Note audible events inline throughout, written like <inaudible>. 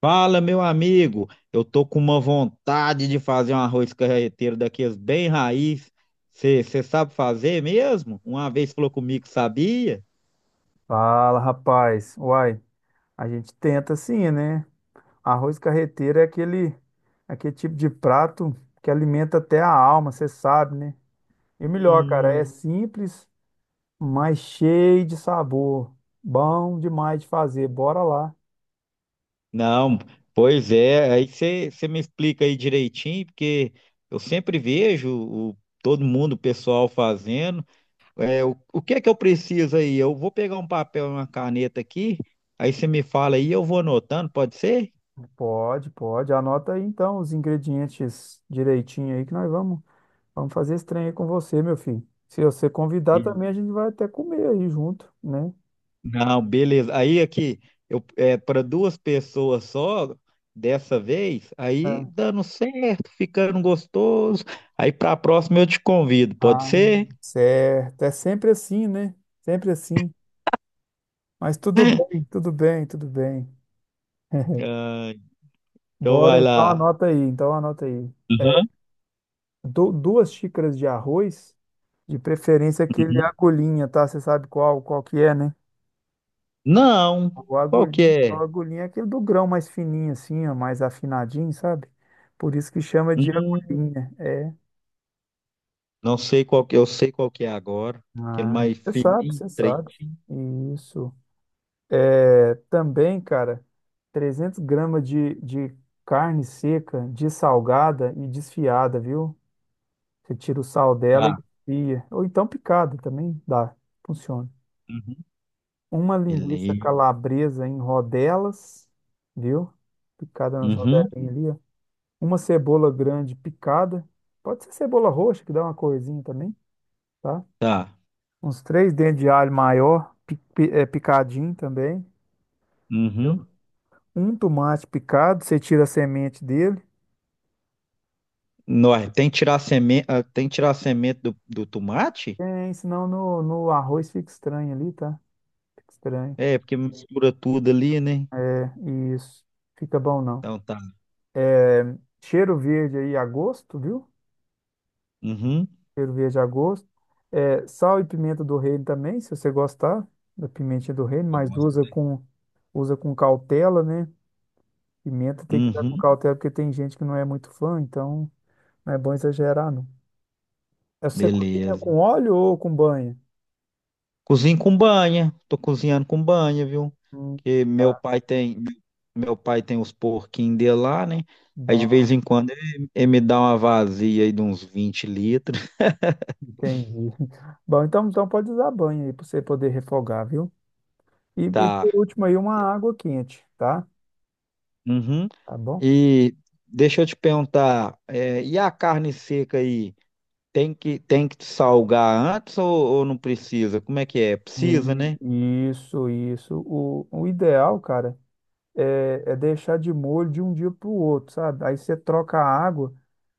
Fala, meu amigo. Eu tô com uma vontade de fazer um arroz carreteiro daqueles bem raiz. Você sabe fazer mesmo? Uma vez falou comigo, que sabia? Fala, rapaz. Uai, a gente tenta sim, né? Arroz carreteiro é aquele tipo de prato que alimenta até a alma, você sabe, né? E o melhor, cara, é Hum, simples, mas cheio de sabor. Bom demais de fazer. Bora lá. não, pois é. Aí você me explica aí direitinho, porque eu sempre vejo todo mundo, o pessoal fazendo. É, o que é que eu preciso aí? Eu vou pegar um papel e uma caneta aqui, aí você me fala aí, eu vou anotando, pode ser? Pode, pode. Anota aí então os ingredientes direitinho aí que nós vamos fazer esse trem aí com você, meu filho. Se você convidar também, a gente vai até comer aí junto, né? Não, beleza. Aí aqui, para duas pessoas só, dessa vez, aí dando certo, ficando gostoso. Aí para a próxima eu te convido, pode Ah, ser? certo. É sempre assim, né? Sempre assim. Mas tudo bem, tudo bem, tudo bem. <laughs> Ah, então Bora, vai então lá. anota aí, então anota aí. Aham, Duas xícaras de arroz, de preferência aquele uhum. agulhinha, tá? Você sabe qual que é, né? Não, O qual que agulhinha, o é? agulhinha é aquele do grão mais fininho assim, ó, mais afinadinho, sabe? Por isso que chama de Hum, agulhinha, é. não sei qual que, eu sei qual que é agora. Aquele Ah, mais você sabe, fininho, você três. sabe. Isso. É, também, cara, 300 gramas de carne seca, dessalgada e desfiada, viu? Você tira o sal dela e Tá. desfia. Ou então picada também dá, funciona. Uhum. Uma linguiça Beleza. calabresa em rodelas, viu? Picada nas Uhum. rodelinhas ali, ó. Uma cebola grande picada. Pode ser cebola roxa, que dá uma corzinha também, tá? Tá. Uns três dentes de alho maior, picadinho também. Uhum. Um tomate picado, você tira a semente dele. Nó, tem que tirar a semente do tomate? Tem, senão no arroz fica estranho ali, tá? Fica estranho. É, porque mistura tudo ali, né? Isso, fica bom não. Então tá. Cheiro verde aí a gosto, viu? Uhum. Cheiro verde a gosto. É, sal e pimenta do reino também, se você gostar da pimentinha do reino, mas usa Gosto. com, usa com cautela, né? Pimenta tem que usar com Uhum. cautela, porque tem gente que não é muito fã, então não é bom exagerar, não. É você cozinha Beleza. com óleo ou com banha? Cozinho com banha. Tô cozinhando com banha, viu? Hum, Porque tá. Meu pai tem os porquinhos dele lá, né? Aí de Bom. vez em quando ele me dá uma vazia aí de uns 20 litros. <laughs> Entendi. <laughs> Bom, então pode usar banho aí para você poder refogar, viu? E Tá. por último aí, uma água quente, tá? Uhum. Tá bom? E deixa eu te perguntar, é, e a carne seca aí? Tem que salgar antes ou não precisa? Como é que é? Precisa, né? Isso, isso. O ideal, cara, é deixar de molho de um dia para o outro, sabe? Aí você troca a água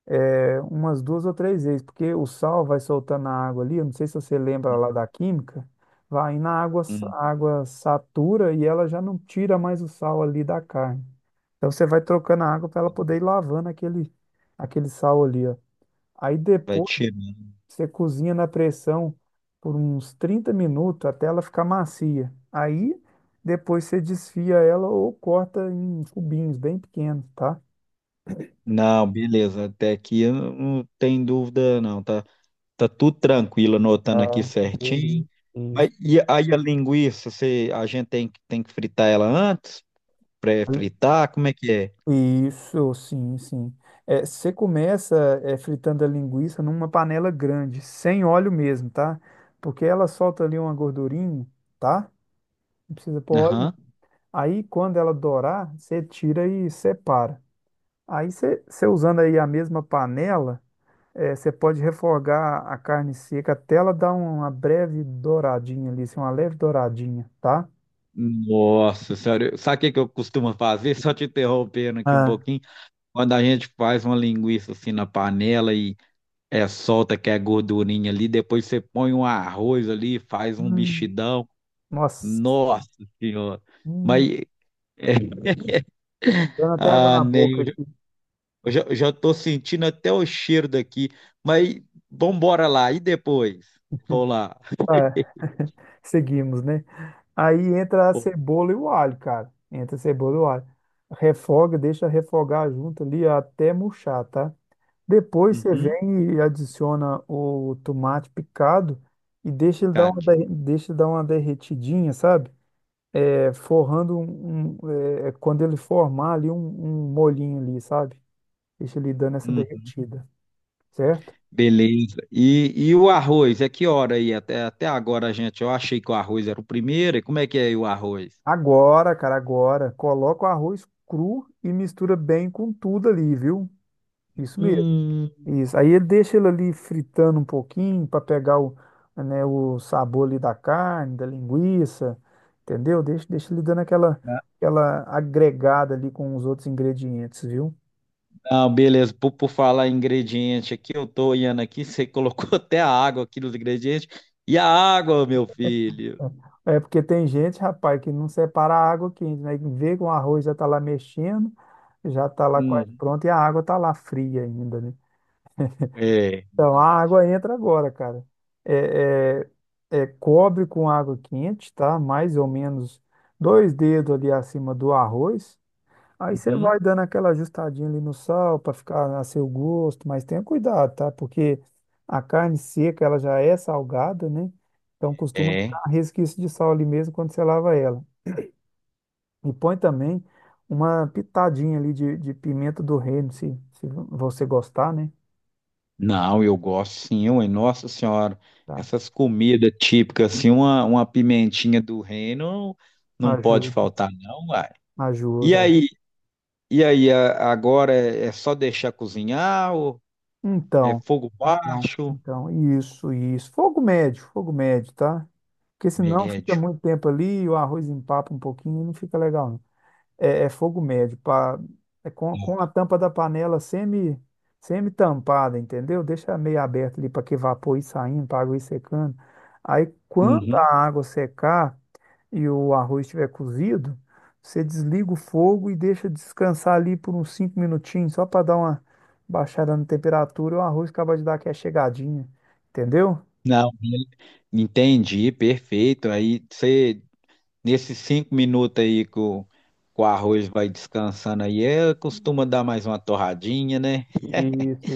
umas duas ou três vezes, porque o sal vai soltando a água ali. Eu não sei se você lembra lá da química, vai na água, Hum, a água satura e ela já não tira mais o sal ali da carne. Então você vai trocando a água para ela poder ir lavando aquele sal ali, ó. Aí Vai depois tirar. você cozinha na pressão por uns 30 minutos até ela ficar macia. Aí depois você desfia ela ou corta em cubinhos bem pequenos, tá? Não, beleza. Até aqui eu não tem dúvida, não. Tá, tá tudo tranquilo, anotando aqui Ah, certinho. beleza. Mas Isso. e aí a linguiça, você, a gente tem, tem que fritar ela antes? Pré-fritar? Como é que é? Isso, sim, sim. É, você começa fritando a linguiça numa panela grande, sem óleo mesmo, tá? Porque ela solta ali uma gordurinha, tá? Não precisa pôr óleo. Aham. Aí, quando ela dourar, você tira e separa. Aí, você usando aí a mesma panela, você pode refogar a carne seca até ela dar uma breve douradinha ali, assim, uma leve douradinha, tá? Nossa senhora, sabe o que que eu costumo fazer? <laughs> Só te interrompendo aqui um Ah, pouquinho. Quando a gente faz uma linguiça assim na panela e é, solta que é gordurinha ali, depois você põe um arroz ali, faz um hum. mexidão. Nossa. Nossa senhora. Hum. Mas. Dando até água Ah, na nem, boca aqui. eu já tô sentindo até o cheiro daqui, mas vambora lá, e depois? Vou lá. É, <laughs> seguimos, né? Aí entra a Pô. cebola e o alho, cara. Entra a cebola e o alho. Refoga, deixa refogar junto ali até murchar, tá? Depois você Uhum, vem e adiciona o tomate picado e deixa ele dar uma, cadinho. derre- deixa ele dar uma derretidinha, sabe? É, forrando quando ele formar ali um molhinho ali, sabe? Deixa ele dando essa Uhum, derretida, certo? beleza. E o arroz, é que hora aí? Até, até agora, gente, eu achei que o arroz era o primeiro, e como é que é aí o arroz? Agora, cara, agora, coloca o arroz cru e mistura bem com tudo ali, viu? Isso mesmo. Hum, Isso. Aí ele deixa ele ali fritando um pouquinho para pegar o, né, o sabor ali da carne, da linguiça, entendeu? Deixa ele dando aquela agregada ali com os outros ingredientes, viu? não, beleza, por falar em ingrediente aqui, eu tô olhando aqui, você colocou <laughs> até a água aqui nos ingredientes, e a água, meu filho? É é porque tem gente, rapaz, que não separa a água quente, né? Que vê que o arroz já tá lá mexendo, já tá lá quase Hum, pronto e a água tá lá fria ainda, né? é, Então, a verdade. água entra agora, cara. É, é, cobre com água quente, tá? Mais ou menos dois dedos ali acima do arroz. Aí você Uhum, vai dando aquela ajustadinha ali no sal para ficar a seu gosto, mas tenha cuidado, tá? Porque a carne seca, ela já é salgada, né? Então costuma é. ficar um resquício de sal ali mesmo quando você lava ela. E põe também uma pitadinha ali de pimenta do reino, se você gostar, né? Não, eu gosto sim, ué. Nossa Senhora, Tá? essas comidas típicas, assim, uma pimentinha do reino não pode Ajuda, faltar, não, uai. E ajuda. aí, e aí, agora é, é só deixar cozinhar ou é Então, fogo então, baixo, então, isso, isso. Fogo médio, tá? Porque senão fica médio? muito tempo ali, o arroz empapa um pouquinho e não fica legal, é fogo médio, pá, é com a Né? tampa da panela semi-tampada, entendeu? Deixa meio aberto ali para que vapor ir saindo, para água ir secando. Aí, quando Uhum. a água secar e o arroz estiver cozido, você desliga o fogo e deixa descansar ali por uns cinco minutinhos, só para dar uma baixada na temperatura, e o arroz acaba de dar aquela chegadinha, entendeu? Não, entendi, perfeito. Aí você, nesses 5 minutos aí que o arroz vai descansando aí, é, costuma dar mais uma torradinha, né? <laughs> Isso,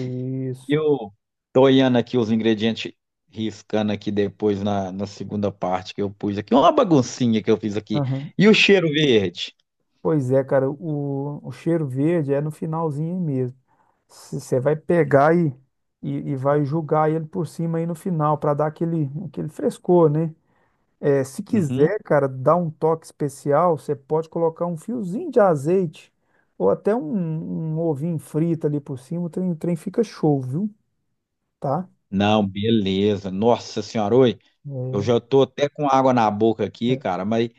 E isso. eu tô olhando aqui os ingredientes, riscando aqui depois na segunda parte que eu pus aqui. Uma baguncinha que eu fiz aqui. Aham. E o cheiro verde? Pois é, cara, o cheiro verde é no finalzinho mesmo. Se você vai pegar e vai jogar ele por cima aí no final para dar aquele frescor, né? É, se Uhum. quiser, cara, dar um toque especial, você pode colocar um fiozinho de azeite ou até um ovinho frito ali por cima, o trem fica show, viu? Tá? Não, beleza. Nossa senhora, oi. Eu É. já tô até com água na boca aqui, é. cara, mas.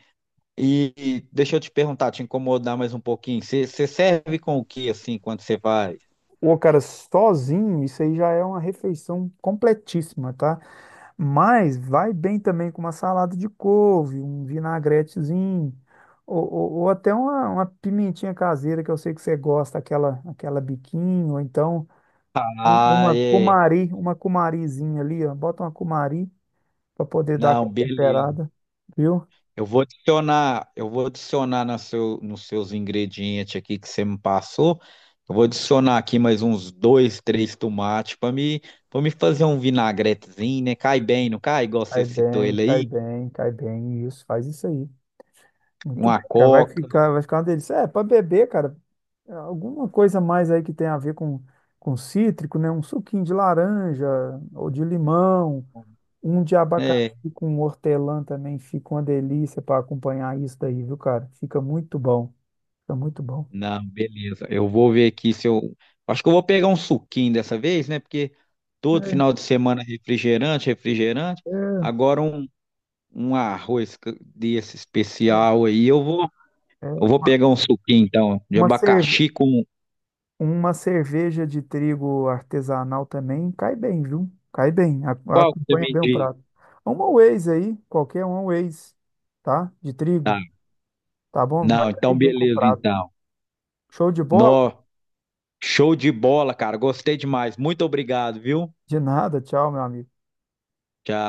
E deixa eu te perguntar, te incomodar mais um pouquinho. Você serve com o que assim quando você vai? Ô, cara, sozinho, isso aí já é uma refeição completíssima, tá? Mas vai bem também com uma salada de couve, um vinagretezinho, ou até uma pimentinha caseira que eu sei que você gosta, aquela biquinho, ou então um- Ah, uma é. cumari, uma cumarizinha ali, ó. Bota uma cumari para poder dar Não, aquela beleza. temperada, viu? Eu vou adicionar nos seus ingredientes aqui que você me passou. Eu vou adicionar aqui mais uns dois, três tomates para me fazer um vinagretezinho, né? Cai bem, não cai? Igual você Cai citou bem, ele cai aí, bem, cai bem, isso, faz isso aí. Muito uma bem, cara. Vai coca. ficar, vai ficar uma delícia. É, para beber, cara, alguma coisa mais aí que tem a ver com cítrico, né? Um suquinho de laranja ou de limão, um de É, abacaxi com hortelã também fica uma delícia para acompanhar isso daí, viu, cara? Fica muito bom, fica muito bom. não, beleza. Eu vou ver aqui se eu. Acho que eu vou pegar um suquinho dessa vez, né? Porque todo final É, de semana é refrigerante, refrigerante. é, Agora um, arroz desse especial aí, eu vou. Eu é. vou pegar um suquinho, então, de Uma cerve... abacaxi com. uma cerveja de trigo artesanal também cai bem, viu? Cai bem, Qual que você acompanha me bem o diz? prato. Uma Waze aí, qualquer uma Waze, tá? De Tá. trigo, tá bom? Vai Não, cair então bem com o beleza, prato. então. Show de bola? Nó, show de bola, cara. Gostei demais. Muito obrigado, viu? De nada, tchau, meu amigo. Tchau.